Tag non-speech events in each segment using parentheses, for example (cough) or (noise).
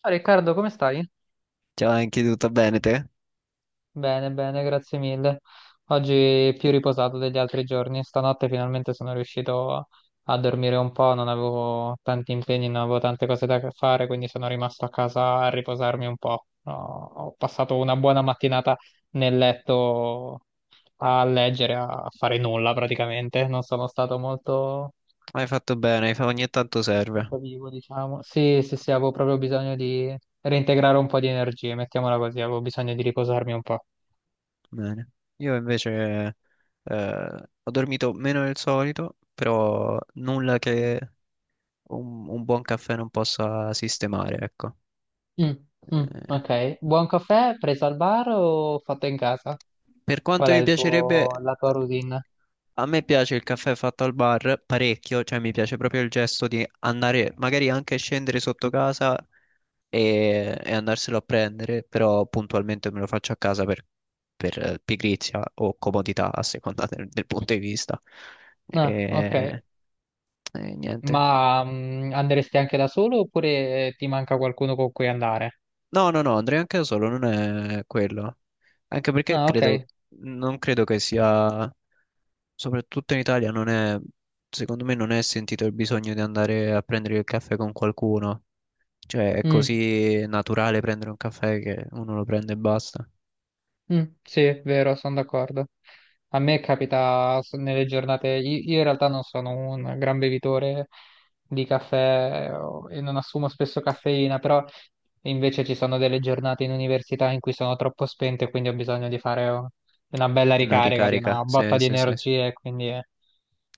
Ciao Riccardo, come stai? Ciao, anche tutto bene te? Bene, bene, grazie mille. Oggi più riposato degli altri giorni. Stanotte finalmente sono riuscito a dormire un po', non avevo tanti impegni, non avevo tante cose da fare, quindi sono rimasto a casa a riposarmi un po'. Ho passato una buona mattinata nel letto a leggere, a fare nulla praticamente. Non sono stato molto, Hai fatto bene, ogni tanto serve. molto vivo, diciamo. Sì, sì, sì, avevo proprio bisogno di reintegrare un po' di energie, mettiamola così, avevo bisogno di riposarmi un po'. Bene. Io invece ho dormito meno del solito, però nulla che un buon caffè non possa sistemare, ecco. Mm, mm, Eh, ok. Buon caffè preso al bar o fatto in casa? per Qual quanto è mi il piacerebbe, tuo, la tua routine? a me piace il caffè fatto al bar parecchio, cioè mi piace proprio il gesto di andare, magari anche scendere sotto casa e andarselo a prendere, però puntualmente me lo faccio a casa per pigrizia o comodità a seconda del punto di vista. Ah, ok. E, e niente. Ma andresti anche da solo oppure ti manca qualcuno con cui andare? No, no, no, andrei anche da solo, non è quello. Anche perché Ah, credo, ok. non credo che sia, soprattutto in Italia, non è, secondo me non è sentito il bisogno di andare a prendere il caffè con qualcuno. Cioè, è Mm. così naturale prendere un caffè che uno lo prende e basta. Mm, sì, è vero, sono d'accordo. A me capita nelle giornate, io in realtà non sono un gran bevitore di caffè e non assumo spesso caffeina, però invece ci sono delle giornate in università in cui sono troppo spento e quindi ho bisogno di fare oh, una bella Una ricarica, di una ricarica, botta sì, di sì, sì. Sì. energie, e quindi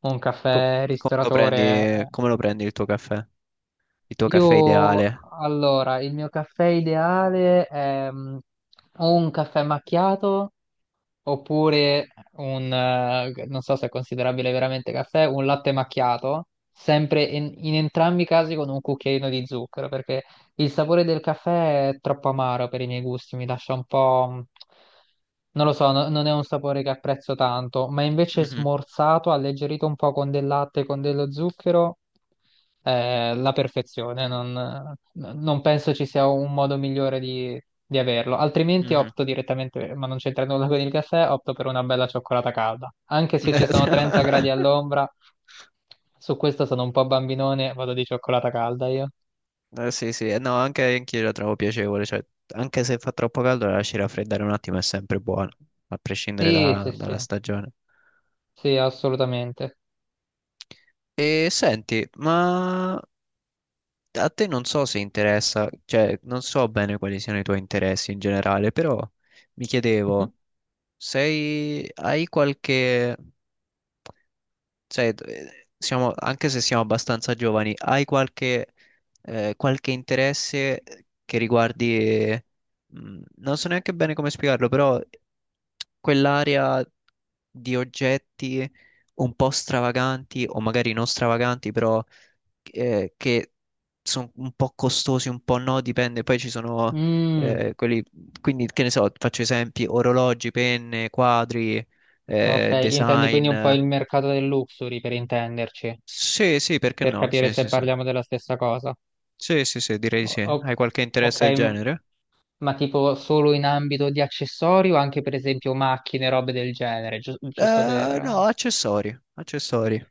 un caffè Come lo ristoratore. prendi, eh. come lo prendi il tuo caffè? Il tuo caffè Io, ideale? allora, il mio caffè ideale è o un caffè macchiato oppure un, non so se è considerabile veramente caffè, un latte macchiato, sempre in entrambi i casi con un cucchiaino di zucchero, perché il sapore del caffè è troppo amaro per i miei gusti, mi lascia un po', non lo so, non è un sapore che apprezzo tanto, ma invece Mhm, smorzato, alleggerito un po' con del latte, con dello zucchero, è la perfezione. Non penso ci sia un modo migliore di averlo. Altrimenti mhm. opto direttamente, ma non c'entra nulla con il caffè, opto per una bella cioccolata calda. Anche se ci sono 30 gradi (laughs) all'ombra, su questo sono un po' bambinone, vado di cioccolata calda io. Sì, sì, no, anche anch'io la trovo piacevole, cioè, anche se fa troppo caldo, la lasci raffreddare un attimo è sempre buono, a prescindere Sì, sì, dalla sì. stagione. Sì, assolutamente. E senti, ma a te non so se interessa, cioè, non so bene quali siano i tuoi interessi in generale, però mi Mhm. chiedevo, sei, hai qualche sai, siamo, anche se siamo abbastanza giovani, hai qualche, qualche interesse che riguardi, non so neanche bene come spiegarlo, però quell'area di oggetti un po' stravaganti o magari non stravaganti, però che sono un po' costosi, un po' no, dipende. Poi ci sono Mm, quelli, quindi che ne so, faccio esempi, orologi, penne, quadri, ok, intendi quindi design. un po' il mercato del luxury per intenderci, Sì, sì, perché per no? capire Sì, se sì, sì. parliamo della stessa cosa. Sì, sì, sì, direi di O- sì. o- Hai qualche ok, interesse del genere? ma tipo solo in ambito di accessori o anche per esempio macchine, robe del genere, giusto No, per. accessori, accessori.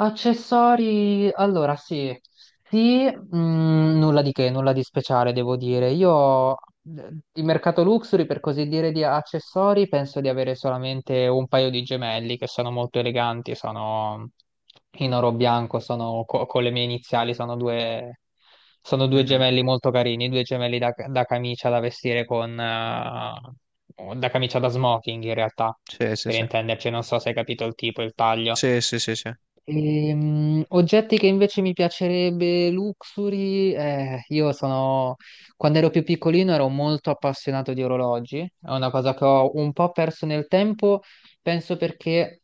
Accessori, allora sì, sì, nulla di che, nulla di speciale devo dire. Io di mercato luxury, per così dire, di accessori, penso di avere solamente un paio di gemelli che sono molto eleganti, sono in oro bianco, sono con le mie iniziali, sono due Mhm. gemelli molto carini, due gemelli da camicia da vestire da camicia da smoking in realtà, Sì, sì, per sì. intenderci, non so se hai capito il tipo, il taglio. Sì, sì, sì, sì. Oggetti che invece mi piacerebbe, luxury, io sono, quando ero più piccolino ero molto appassionato di orologi, è una cosa che ho un po' perso nel tempo, penso perché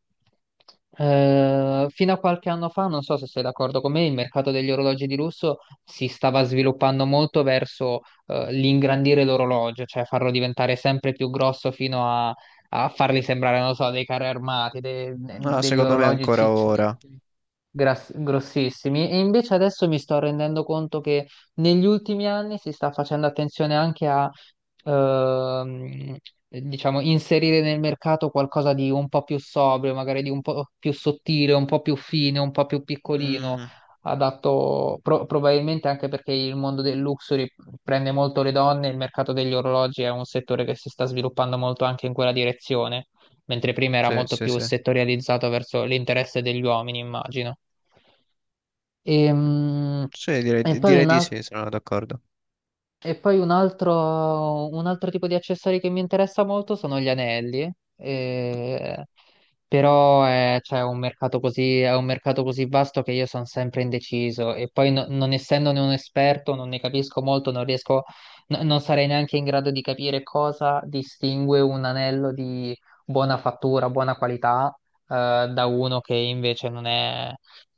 fino a qualche anno fa, non so se sei d'accordo con me, il mercato degli orologi di lusso si stava sviluppando molto verso l'ingrandire l'orologio, cioè farlo diventare sempre più grosso fino a farli sembrare, non lo so, dei carri armati, No, degli secondo me orologi ancora ora. ciccionissimi, grossissimi. E invece adesso mi sto rendendo conto che negli ultimi anni si sta facendo attenzione anche a, ehm, diciamo, inserire nel mercato qualcosa di un po' più sobrio, magari di un po' più sottile, un po' più fine, un po' più piccolino Mhm. adatto probabilmente anche perché il mondo del luxury prende molto le donne, il mercato degli orologi è un settore che si sta sviluppando molto anche in quella direzione, mentre prima era Sì, molto sì, più sì. settorializzato verso l'interesse degli uomini, immagino. Ehm, Sì, direi, E, poi direi un di altro sì, sono d'accordo. e poi un altro tipo di accessori che mi interessa molto sono gli anelli, eh, però è, cioè, un mercato così, è un mercato così vasto che io sono sempre indeciso e poi non essendone un esperto non ne capisco molto, non riesco, non sarei neanche in grado di capire cosa distingue un anello di buona fattura, buona qualità, da uno che invece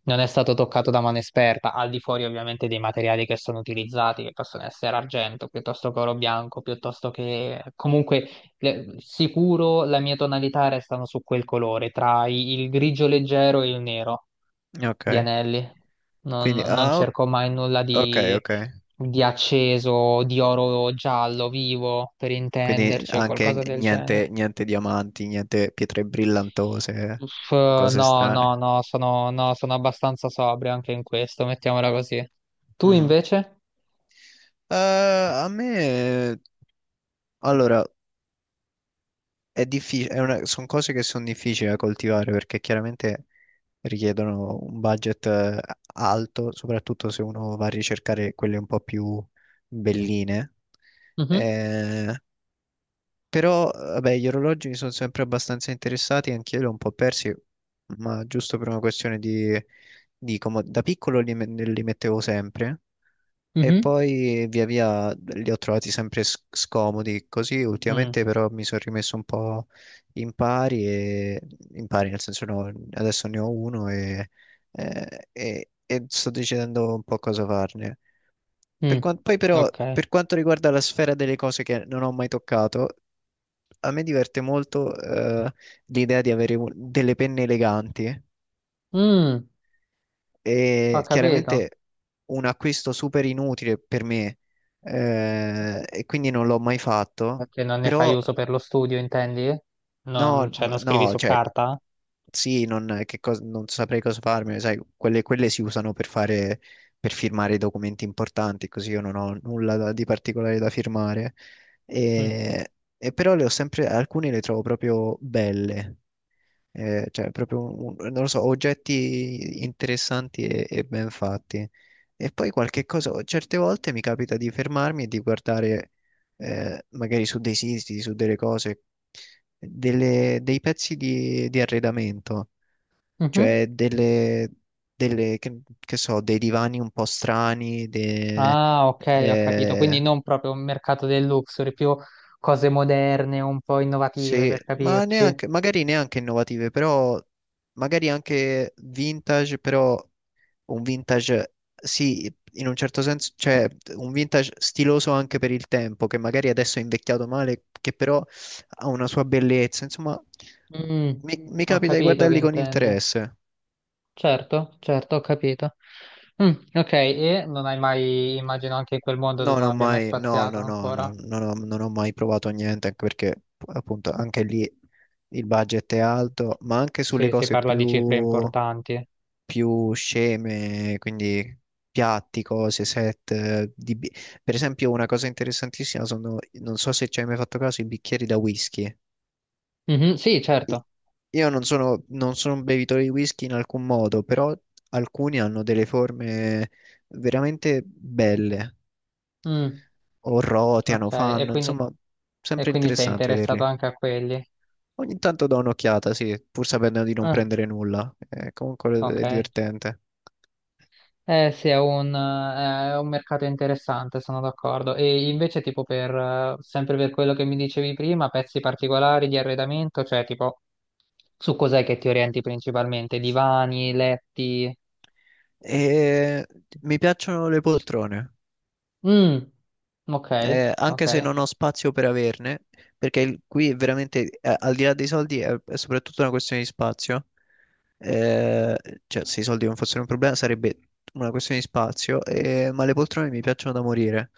non è stato toccato da mano esperta, al di fuori ovviamente dei materiali che sono utilizzati, che possono essere argento, piuttosto che oro bianco, piuttosto che. Comunque, sicuro la mia tonalità restano su quel colore, tra il grigio leggero e il nero di Ok, anelli. Non, quindi, non ah, o- cerco mai nulla ok, ok. di acceso, di oro giallo vivo, per Quindi intenderci, o anche qualcosa del niente, genere. niente diamanti, niente pietre brillantose, Uff, eh, cose no, no, strane. no, sono, no, sono abbastanza sobrio anche in questo, mettiamola così. Tu invece? Eh, A me, allora, è difficile, sono cose che sono difficili da coltivare perché chiaramente richiedono un budget alto, soprattutto se uno va a ricercare quelle un po' più belline. Mhm, Eh, Però, vabbè, gli orologi mi sono sempre abbastanza interessati, anch'io li ho un po' persi, ma giusto per una questione di, da piccolo li mettevo sempre. E mhm, poi via via li ho trovati sempre scomodi così, mm, ultimamente però mi sono rimesso un po' in pari, e, in pari nel senso no, adesso ne ho uno e sto decidendo un po' cosa farne. mm, Però ok. per quanto riguarda la sfera delle cose che non ho mai toccato, a me diverte molto l'idea di avere delle penne eleganti. Mm, ho E capito. chiaramente un acquisto super inutile per me, e quindi non l'ho mai fatto, Perché non ne fai però uso per lo studio, intendi? Non, no, cioè, non scrivi no, su cioè carta? sì, non saprei cosa farmene, sai, quelle, quelle si usano per fare, per firmare i documenti importanti, così io non ho nulla di particolare da firmare, Mm, e, e però le ho sempre, alcune le trovo proprio belle. Cioè, proprio, non lo so, oggetti interessanti e ben fatti. E poi qualche cosa, certe volte mi capita di fermarmi e di guardare, magari su dei siti, su delle cose, dei pezzi di arredamento, mhm. cioè delle, che so, dei divani un po' strani, Ah, ok, ho capito. Quindi eh, non proprio un mercato del luxury, più cose moderne, un po' innovative, sì, per ma capirci. neanche, magari neanche innovative, però magari anche vintage, però un vintage, sì, in un certo senso, cioè un vintage stiloso anche per il tempo, che magari adesso è invecchiato male, che però ha una sua bellezza. Insomma, Mm, mi ho capita di capito che guardarli con intendi. interesse. Certo, certo, ho capito. Mm, ok, e non hai mai, immagino anche in quel mondo No, dove non non ho abbia mai mai, no, spaziato no, no, ancora, no, non ho mai provato niente, anche perché appunto anche lì il budget è alto, ma anche sulle se si cose parla di cifre più importanti. più sceme, quindi piatti, cose, set. Per esempio, una cosa interessantissima sono, non so se ci hai mai fatto caso, i bicchieri da whisky. Mhm, sì, I- certo. Io non sono, non sono un bevitore di whisky in alcun modo, però alcuni hanno delle forme veramente belle, Mm, o roteano, ok, e fanno, quindi, insomma, e sempre quindi sei interessante interessato vederli. anche a quelli. Ogni tanto do un'occhiata, sì, pur sapendo di non Ah, prendere nulla. Comunque è ok. divertente. Eh sì, è un mercato interessante, sono d'accordo. E invece tipo sempre per quello che mi dicevi prima, pezzi particolari di arredamento, cioè tipo su cos'è che ti orienti principalmente? Divani, letti? E mi piacciono le poltrone, Mm, ok, anche ok, se non ho spazio per averne, perché qui è veramente, al di là dei soldi, è soprattutto una questione di spazio. Eh, cioè, se i soldi non fossero un problema, sarebbe una questione di spazio, ma le poltrone mi piacciono da morire.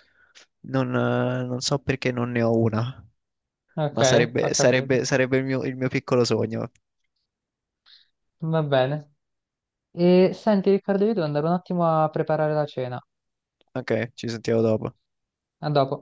Non, non so perché non ne ho una, ok, ma ho sarebbe, capito. Sarebbe il mio piccolo sogno. Va bene. E senti Riccardo, io devo andare un attimo a preparare la cena. Ok, ci sentiamo dopo. A dopo.